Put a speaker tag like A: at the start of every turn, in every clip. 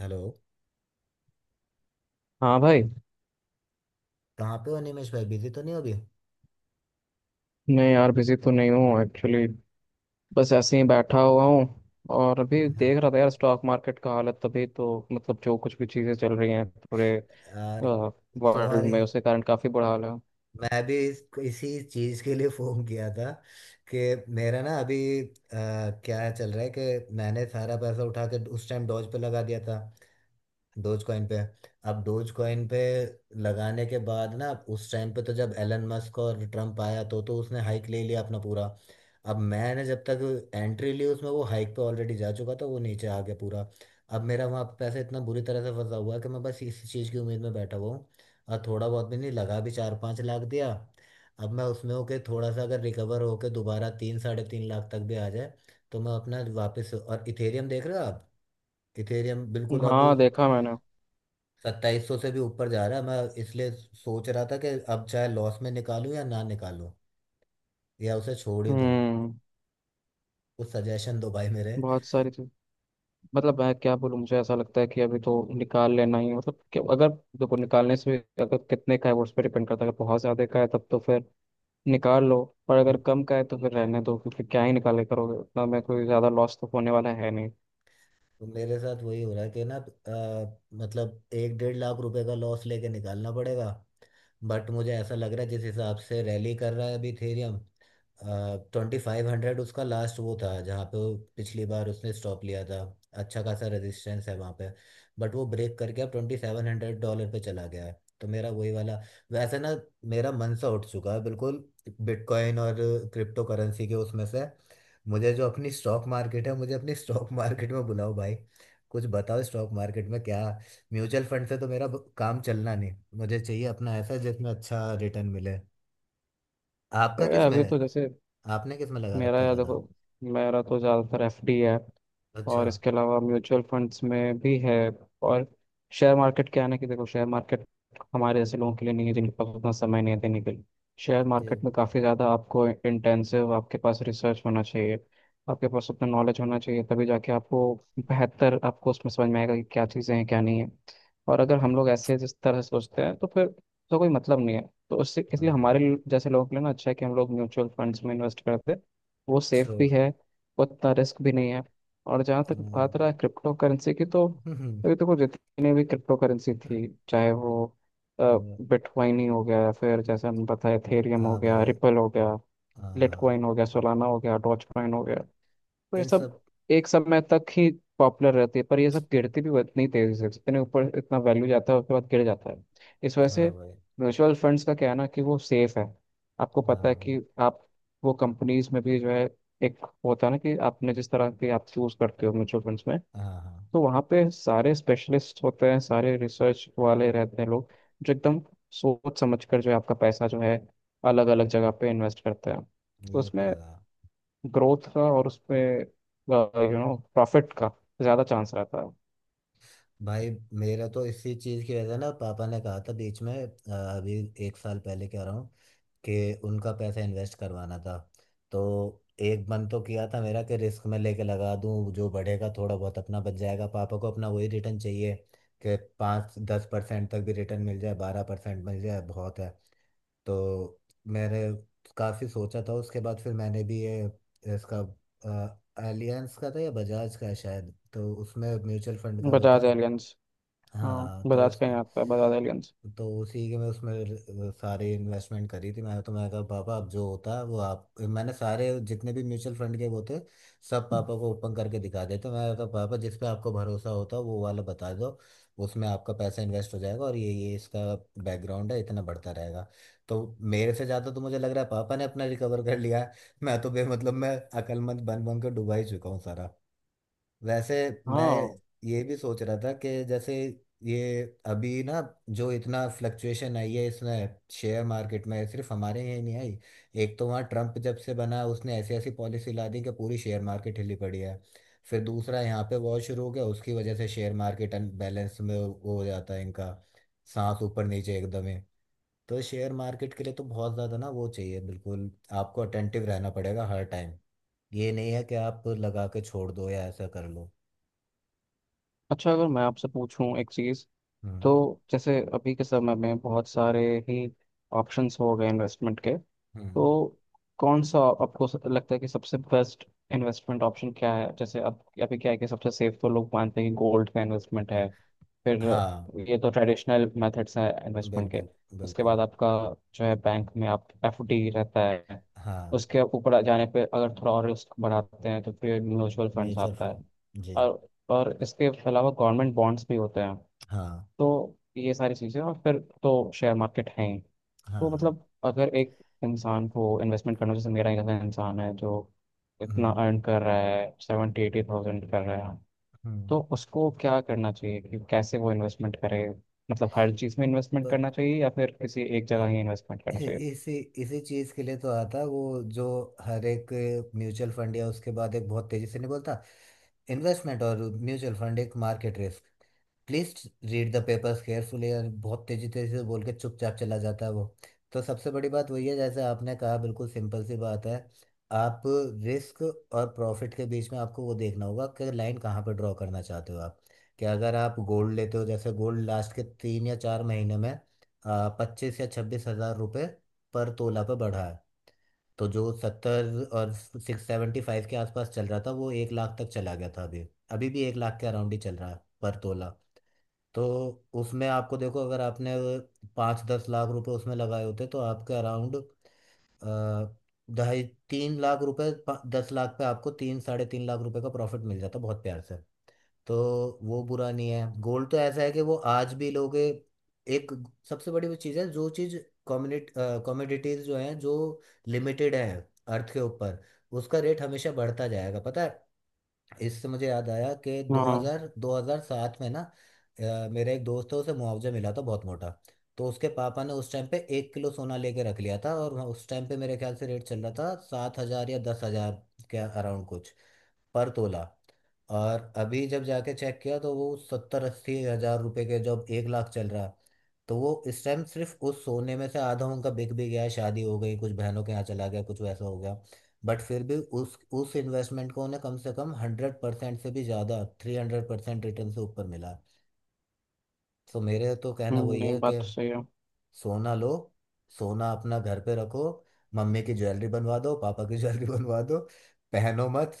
A: Hello.
B: हाँ भाई।
A: कहाँ पे हो निमेश भाई? बिजी तो नहीं हो अभी?
B: मैं यार बिजी तो नहीं हूँ एक्चुअली, बस ऐसे ही बैठा हुआ हूँ। और अभी
A: हाँ।
B: देख रहा था यार स्टॉक मार्केट का हालत, तभी तो मतलब जो कुछ भी चीज़ें चल रही हैं पूरे
A: यार,
B: वर्ल्ड
A: तुम्हारे...
B: में उसके कारण काफ़ी बुरा हाल है।
A: मैं भी इसी चीज के लिए फोन किया था कि मेरा ना अभी क्या चल रहा है, कि मैंने सारा पैसा उठा के उस टाइम डॉज पे लगा दिया था। डोज कॉइन पे। अब डोज कॉइन पे लगाने के बाद ना उस टाइम पे तो जब एलन मस्क और ट्रम्प आया तो उसने हाइक ले लिया अपना पूरा। अब मैंने जब तक एंट्री ली उसमें, वो हाइक पे ऑलरेडी जा चुका था, वो नीचे आ गया पूरा। अब मेरा वहाँ पे पैसा इतना बुरी तरह से फंसा हुआ है कि मैं बस इसी चीज़ की उम्मीद में बैठा हुआ हूँ। और थोड़ा बहुत भी नहीं लगा, भी 4-5 लाख दिया। अब मैं उसमें होके थोड़ा सा अगर रिकवर होके दोबारा 3-3.5 लाख तक भी आ जाए तो मैं अपना वापस। और इथेरियम देख रहे हो आप? इथेरियम बिल्कुल अब
B: हाँ, देखा मैंने।
A: 2700 से भी ऊपर जा रहा है। मैं इसलिए सोच रहा था कि अब चाहे लॉस में निकालूं या ना निकालूं, या उसे छोड़ ही दूं।
B: हम्म।
A: कुछ सजेशन दो भाई मेरे।
B: बहुत सारी चीज, मतलब मैं क्या बोलूँ, मुझे ऐसा लगता है कि अभी तो निकाल लेना ही, मतलब कि अगर देखो अगर कितने का है वो उस पर डिपेंड करता है, अगर बहुत ज़्यादा का है तब तो फिर निकाल लो। पर अगर कम का है तो फिर रहने दो, क्योंकि क्या ही निकाले करोगे उतना में, कोई ज़्यादा लॉस तो होने वाला है नहीं।
A: तो मेरे साथ वही हो रहा है कि ना, मतलब 1-1.5 लाख रुपए का लॉस लेके निकालना पड़ेगा। बट मुझे ऐसा लग रहा है, जिस हिसाब से रैली कर रहा है अभी इथेरियम, 2500 उसका लास्ट वो था जहाँ पे वो पिछली बार उसने स्टॉप लिया था। अच्छा खासा रेजिस्टेंस है वहाँ पे। बट वो ब्रेक करके अब 2700 डॉलर पे चला गया है, तो मेरा वही वाला। वैसे ना, मेरा मन सा उठ चुका है बिल्कुल बिटकॉइन और क्रिप्टो करेंसी के उसमें से। मुझे जो अपनी स्टॉक मार्केट है, मुझे अपनी स्टॉक मार्केट में बुलाओ भाई। कुछ बताओ स्टॉक मार्केट में क्या। म्यूचुअल फंड से तो मेरा काम चलना नहीं। मुझे चाहिए अपना ऐसा जिसमें अच्छा रिटर्न मिले।
B: तो
A: आपका
B: यार
A: किस में
B: अभी तो
A: है?
B: जैसे
A: आपने किस में लगा
B: मेरा,
A: रखा
B: यार
A: ज्यादा?
B: देखो, मेरा तो ज़्यादातर एफडी है।
A: अच्छा।
B: और इसके अलावा म्यूचुअल फंड्स में भी है। और शेयर मार्केट क्या है ना, कि देखो शेयर मार्केट हमारे जैसे लोगों के लिए नहीं है, जिनके पास उतना समय नहीं है देने के लिए। शेयर
A: ये।
B: मार्केट में काफ़ी ज़्यादा आपको इंटेंसिव, आपके पास रिसर्च होना चाहिए, आपके पास उतना नॉलेज होना चाहिए, तभी जाके आपको बेहतर आपको उसमें समझ में आएगा कि क्या चीज़ें हैं क्या नहीं है। और अगर हम लोग ऐसे जिस तरह से सोचते हैं तो फिर तो कोई मतलब नहीं है। तो उससे इसलिए
A: हाँ भाई।
B: जैसे लोगों के लिए ना अच्छा है कि हम लोग म्यूचुअल फंड्स में इन्वेस्ट करते हैं। वो सेफ भी
A: छोड़।
B: है, उतना रिस्क भी नहीं है। और जहाँ तक बात
A: हाँ।
B: रहा क्रिप्टो करेंसी की, तो
A: हम्म।
B: अभी देखो जितनी भी क्रिप्टो करेंसी थी, चाहे वो
A: ये-
B: बिटकॉइन ही हो गया या फिर जैसे हम बताए एथेरियम हो
A: हाँ
B: गया,
A: भाई।
B: रिपल हो गया,
A: हाँ, हाँ।
B: लिटकॉइन हो गया, सोलाना हो गया, डॉज कॉइन हो गया। तो ये
A: इन
B: सब
A: सब।
B: एक समय तक ही पॉपुलर रहती है, पर ये सब गिरती भी इतनी तेजी से, इतने ऊपर इतना वैल्यू जाता है उसके बाद गिर जाता है। इस वजह से
A: हाँ भाई।
B: म्यूचुअल फंड्स का क्या है ना कि वो सेफ है। आपको पता है
A: हाँ,
B: कि आप वो कंपनीज में भी जो है, एक होता है ना कि आपने जिस तरह के आप चूज करते हो म्यूचुअल फंड्स में,
A: हाँ। हाँ।
B: तो वहाँ पे सारे स्पेशलिस्ट होते हैं, सारे रिसर्च वाले रहते हैं लोग, जो एकदम सोच समझ कर जो है आपका पैसा जो है अलग अलग जगह पे इन्वेस्ट करते हैं। तो
A: ये तो
B: उसमें
A: है।
B: ग्रोथ का और उसपे यू नो प्रॉफिट का ज़्यादा चांस रहता है।
A: भाई, मेरा तो इसी चीज़ की वजह से ना पापा ने कहा था बीच में, अभी एक साल पहले कह रहा हूँ, कि उनका पैसा इन्वेस्ट करवाना था। तो एक मन तो किया था मेरा कि रिस्क में लेके लगा दूं, जो बढ़ेगा थोड़ा बहुत अपना बच जाएगा। पापा को अपना वही रिटर्न चाहिए कि 5-10% तक भी रिटर्न मिल जाए, 12% मिल जाए, बहुत है। तो मैंने काफ़ी सोचा था, उसके बाद फिर मैंने भी ये इसका एलियंस का था या बजाज का है शायद, तो उसमें म्यूचुअल फंड का वो था।
B: बजाज एलियंस। हाँ,
A: हाँ, तो
B: बजाज का ही
A: उसका।
B: आता है, बजाज एलियंस।
A: तो उसी के मैं उसमें सारी इन्वेस्टमेंट करी थी मैंने। तो मैंने कहा पापा अब जो होता है वो आप, मैंने सारे जितने भी म्यूचुअल फंड के वो थे सब पापा को ओपन करके दिखा देते। मैंने कहा पापा जिस पे आपको भरोसा होता है वो वाला बता दो, उसमें आपका पैसा इन्वेस्ट हो जाएगा, और ये इसका बैकग्राउंड है, इतना बढ़ता रहेगा। तो मेरे से ज़्यादा तो मुझे लग रहा है पापा ने अपना रिकवर कर लिया है। मैं तो बे मतलब मैं अकलमंद बन बन के डुबा ही चुका हूँ सारा। वैसे मैं
B: हाँ।
A: ये भी सोच रहा था कि जैसे ये अभी ना, जो इतना फ्लक्चुएशन आई है इसमें शेयर मार्केट में, सिर्फ हमारे यहाँ ही नहीं आई। एक तो वहाँ ट्रम्प जब से बना उसने ऐसी ऐसी पॉलिसी ला दी कि पूरी शेयर मार्केट हिली पड़ी है। फिर दूसरा यहाँ पे वॉर शुरू हो गया, उसकी वजह से शेयर मार्केट अनबैलेंस में वो हो जाता है इनका, सांस ऊपर नीचे एकदम ही। तो शेयर मार्केट के लिए तो बहुत ज़्यादा ना वो चाहिए बिल्कुल। आपको अटेंटिव रहना पड़ेगा हर टाइम। ये नहीं है कि आप लगा के छोड़ दो या ऐसा कर लो।
B: अच्छा, अगर मैं आपसे पूछूं एक चीज़,
A: हम्म।
B: तो जैसे अभी के समय में बहुत सारे ही ऑप्शंस हो गए इन्वेस्टमेंट के,
A: हम्म।
B: तो कौन सा आपको लगता है कि सबसे बेस्ट इन्वेस्टमेंट ऑप्शन क्या है? जैसे अब अभी क्या है कि सबसे सेफ तो लोग मानते हैं कि गोल्ड का इन्वेस्टमेंट है, फिर
A: हाँ।
B: ये तो ट्रेडिशनल मेथड्स हैं इन्वेस्टमेंट के।
A: बिल्कुल,
B: उसके
A: बिल्कुल।
B: बाद आपका जो है बैंक में आप एफडी रहता है,
A: हाँ।
B: उसके ऊपर जाने पे अगर थोड़ा और रिस्क बढ़ाते हैं तो फिर म्यूचुअल फंड्स
A: म्यूचुअल
B: आता है।
A: फंड। जी।
B: और इसके अलावा गवर्नमेंट बॉन्ड्स भी होते हैं।
A: हाँ,
B: तो ये सारी चीज़ें, और फिर तो शेयर मार्केट है ही। तो
A: हाँ।
B: मतलब अगर एक इंसान को इन्वेस्टमेंट करना, जैसे मेरा जैसा इंसान है जो इतना
A: हम्म।
B: अर्न कर रहा है, 70-80,000 कर रहा है,
A: हम्म।
B: तो उसको क्या करना चाहिए कि कैसे वो इन्वेस्टमेंट करे? मतलब हर चीज़ में इन्वेस्टमेंट
A: बट
B: करना चाहिए या फिर किसी एक जगह ही इन्वेस्टमेंट करना चाहिए?
A: इसी इसी चीज के लिए तो आता है वो जो हर एक म्यूचुअल फंड, या उसके बाद एक बहुत तेजी से नहीं बोलता, इन्वेस्टमेंट और म्यूचुअल फंड एक market risk, please read the papers carefully, और बहुत तेजी तेजी से बोल के चुपचाप चला जाता है वो। तो सबसे बड़ी बात वही है, जैसे आपने कहा, बिल्कुल सिंपल सी बात है। आप रिस्क और प्रॉफिट के बीच में आपको वो देखना होगा कि लाइन कहाँ पर ड्रॉ करना चाहते हो आप। कि अगर आप गोल्ड लेते हो, जैसे गोल्ड लास्ट के तीन या चार महीने में 25-26 हज़ार रुपये पर तोला पर बढ़ा है। तो जो सत्तर और 675 के आसपास चल रहा था, वो 1 लाख तक चला गया था अभी। अभी भी 1 लाख के अराउंड ही चल रहा है पर तोला। तो उसमें आपको देखो, अगर आपने 5-10 लाख रुपए उसमें लगाए होते तो आपके अराउंड 2.5-3 लाख रुपए, 10 लाख पे आपको 3-3.5 लाख रुपए का प्रॉफिट मिल जाता बहुत प्यार से। तो वो बुरा नहीं है गोल्ड। तो ऐसा है कि वो आज भी लोग एक सबसे बड़ी वो चीज़ है, जो चीज़ कम्युनिट कमोडिटीज जो हैं जो लिमिटेड है अर्थ के ऊपर, उसका रेट हमेशा बढ़ता जाएगा पता है। इससे मुझे याद आया कि
B: हाँ।
A: 2000 2007 में ना, मेरा एक दोस्त है उसे मुआवजा मिला था बहुत मोटा। तो उसके पापा ने उस टाइम पे 1 किलो सोना लेके रख लिया था, और उस टाइम पे मेरे ख्याल से रेट चल रहा था 7 हज़ार या 10 हज़ार के अराउंड कुछ, पर तोला। और अभी जब जाके चेक किया तो वो 70-80 हज़ार रुपए के, जब 1 लाख चल रहा है। तो वो इस टाइम सिर्फ उस सोने में से आधा उनका बिक भी गया है, शादी हो गई कुछ, बहनों के यहाँ चला गया कुछ, वैसा हो गया। बट फिर भी उस इन्वेस्टमेंट को उन्हें कम से कम 100% से भी ज़्यादा, 300% रिटर्न से ऊपर मिला। तो मेरे तो कहना वही
B: नहीं,
A: है कि
B: बात तो सही है।
A: सोना लो, सोना अपना घर पे रखो, मम्मी की ज्वेलरी बनवा दो, पापा की ज्वेलरी बनवा दो। पहनो मत,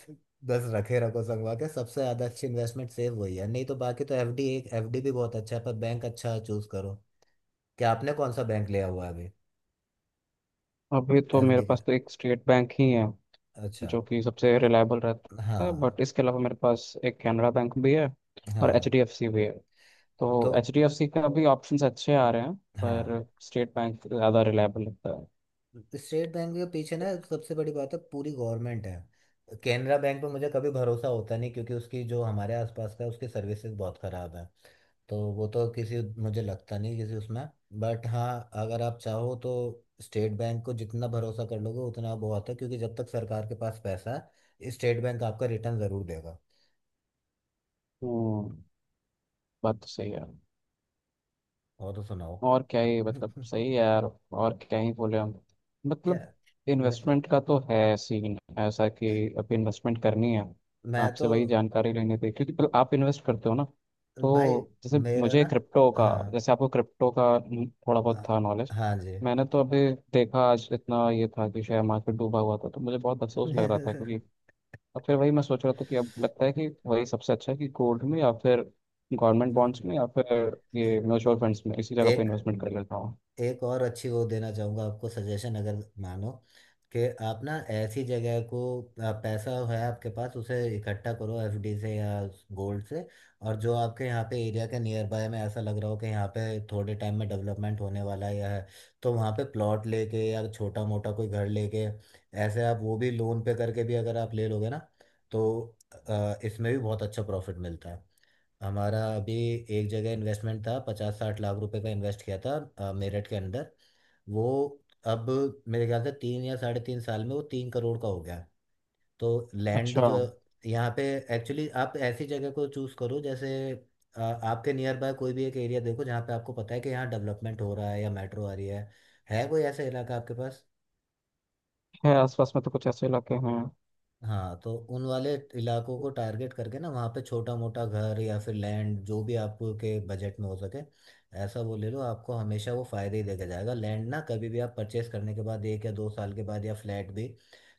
A: बस रखे रखो संगवा के। सबसे ज्यादा अच्छी इन्वेस्टमेंट सेव वही है। नहीं तो बाकी तो एफडी, एक एफडी भी बहुत अच्छा है, पर बैंक अच्छा चूज करो। क्या आपने कौन सा बैंक लिया हुआ है अभी?
B: अभी तो मेरे
A: एफडी के
B: पास
A: लिए?
B: तो एक स्टेट बैंक ही है,
A: अच्छा।
B: जो कि सबसे रिलायबल रहता है।
A: हाँ।
B: बट इसके अलावा मेरे पास एक कैनरा बैंक भी है और एच
A: हाँ।
B: डी एफ सी भी है। तो
A: तो।
B: HDFC का भी ऑप्शंस अच्छे आ रहे हैं,
A: हाँ।
B: पर स्टेट बैंक ज़्यादा रिलायबल लगता है।
A: स्टेट बैंक के पीछे ना सबसे बड़ी बात है, पूरी गवर्नमेंट है। केनरा बैंक पे मुझे कभी भरोसा होता नहीं, क्योंकि उसकी जो हमारे आसपास का है, उसकी सर्विसेज बहुत खराब है। तो वो तो किसी, मुझे लगता नहीं किसी उसमें। बट हाँ, अगर आप चाहो तो स्टेट बैंक को जितना भरोसा कर लोगे उतना बहुत है, क्योंकि जब तक सरकार के पास पैसा है, स्टेट बैंक आपका रिटर्न जरूर देगा।
B: हम्म। बात तो सही है।
A: और तो सुनाओ।
B: और क्या ही मतलब सही है यार, और क्या ही बोले हम।
A: क्या।
B: मतलब
A: मैं।
B: इन्वेस्टमेंट का तो है सीन ऐसा कि अब इन्वेस्टमेंट करनी है।
A: मैं तो।
B: आपसे वही जानकारी लेनी थी, क्योंकि पहले आप इन्वेस्ट करते हो ना।
A: भाई,
B: तो जैसे
A: मेरा
B: मुझे
A: ना।
B: क्रिप्टो का,
A: हाँ।
B: जैसे आपको क्रिप्टो का थोड़ा बहुत
A: हाँ।
B: था नॉलेज।
A: हाँ जी।
B: मैंने तो अभी देखा आज, इतना ये था कि शेयर मार्केट डूबा हुआ था तो मुझे बहुत अफसोस लग रहा था क्योंकि, और फिर वही मैं सोच रहा था कि अब लगता है कि वही सबसे अच्छा है कि गोल्ड में या फिर गवर्नमेंट बॉन्ड्स में या फिर ये म्यूचुअल फंड्स में इसी जगह पे
A: एक।
B: इन्वेस्टमेंट कर लेता हूँ।
A: एक और अच्छी वो देना चाहूँगा आपको सजेशन। अगर मानो कि आप ना ऐसी जगह को, पैसा है आपके पास उसे इकट्ठा करो एफडी से या गोल्ड से, और जो आपके यहाँ पे एरिया के नियर बाय में ऐसा लग रहा हो कि यहाँ पे थोड़े टाइम में डेवलपमेंट होने वाला है या है, तो वहाँ पे प्लॉट लेके या छोटा मोटा कोई घर लेके, ऐसे आप वो भी लोन पे करके भी अगर आप ले लोगे ना, तो इसमें भी बहुत अच्छा प्रॉफिट मिलता है। हमारा अभी एक जगह इन्वेस्टमेंट था, 50-60 लाख रुपए का इन्वेस्ट किया था मेरठ के अंदर। वो अब मेरे ख्याल से 3 या 3.5 साल में वो 3 करोड़ का हो गया। तो लैंड
B: अच्छा।
A: जो यहाँ पे, एक्चुअली आप ऐसी जगह को चूज करो जैसे, आपके नियर बाय कोई भी एक एरिया देखो, जहाँ पे आपको पता है कि यहाँ डेवलपमेंट हो रहा है या मेट्रो आ रही है। है कोई ऐसा इलाका आपके पास?
B: है, आसपास में तो कुछ ऐसे इलाके हैं।
A: हाँ, तो उन वाले इलाकों को टारगेट करके ना, वहाँ पे छोटा मोटा घर या फिर लैंड, जो भी आपके बजट में हो सके ऐसा वो ले लो। आपको हमेशा वो फायदे ही देके जाएगा लैंड, ना कभी भी आप परचेस करने के बाद 1 या 2 साल के बाद, या फ्लैट भी,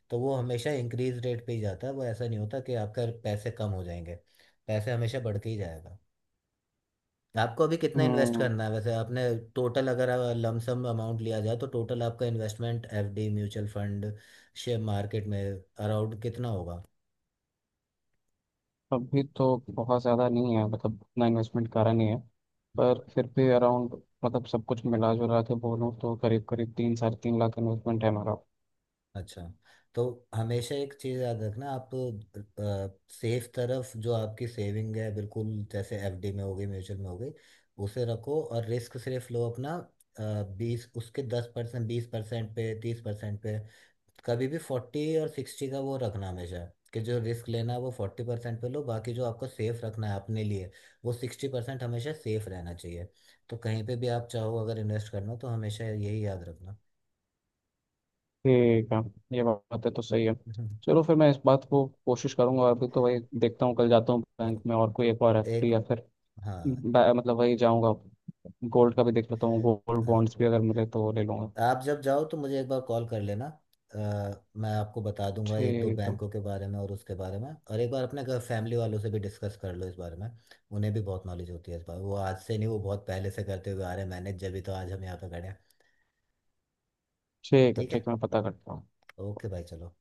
A: तो वो हमेशा इंक्रीज रेट पे ही जाता है। वो ऐसा नहीं होता कि आपका पैसे कम हो जाएंगे, पैसे हमेशा बढ़ के ही जाएगा। आपको अभी कितना इन्वेस्ट
B: हम्म।
A: करना है वैसे आपने? टोटल अगर लमसम अमाउंट लिया जाए, तो टोटल आपका investment FD, mutual fund, share market में अराउंड कितना होगा?
B: अभी तो बहुत ज़्यादा नहीं है, मतलब उतना इन्वेस्टमेंट करा नहीं है, पर फिर भी अराउंड, मतलब सब कुछ मिला जुला के बोलूँ तो करीब करीब 3 साढ़े 3 लाख इन्वेस्टमेंट है मेरा।
A: अच्छा। तो हमेशा एक चीज़ याद रखना आप, सेफ तरफ जो आपकी सेविंग है, बिल्कुल जैसे एफडी में हो गई म्यूचुअल में हो गई, उसे रखो, और रिस्क सिर्फ लो अपना बीस, उसके 10%, 20% पे, 30% पे। कभी भी फोर्टी और सिक्सटी का वो रखना हमेशा, कि जो रिस्क लेना है वो 40% पे लो, बाकी जो आपको सेफ रखना है अपने लिए वो 60% हमेशा सेफ रहना चाहिए। तो कहीं पे भी आप चाहो अगर इन्वेस्ट करना, तो हमेशा यही याद रखना।
B: ठीक है। ये बात है तो सही है। चलो फिर मैं इस बात को कोशिश करूंगा, अभी तो वही देखता हूँ, कल जाता हूँ बैंक में और कोई एक और एफ
A: एक।
B: डी या फिर
A: हाँ।
B: मतलब वही जाऊंगा। गोल्ड का भी देख लेता हूँ, गोल्ड
A: हाँ।
B: बॉन्ड्स भी अगर मिले तो ले लूंगा।
A: आप जब जाओ तो मुझे एक बार कॉल कर लेना। अ, मैं आपको बता दूंगा एक दो
B: ठीक है।
A: बैंकों के बारे में और उसके बारे में, और एक बार अपने घर फैमिली वालों से भी डिस्कस कर लो इस बारे में। उन्हें भी बहुत नॉलेज होती है इस बारे में। वो आज से नहीं, वो बहुत पहले से करते हुए आ रहे हैं मैनेज, जब भी, तो आज हम यहाँ पे खड़े हैं।
B: ठीक है
A: ठीक है।
B: ठीक है, मैं पता करता हूँ।
A: ओके भाई चलो।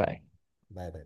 B: बाय।
A: बाय। बाय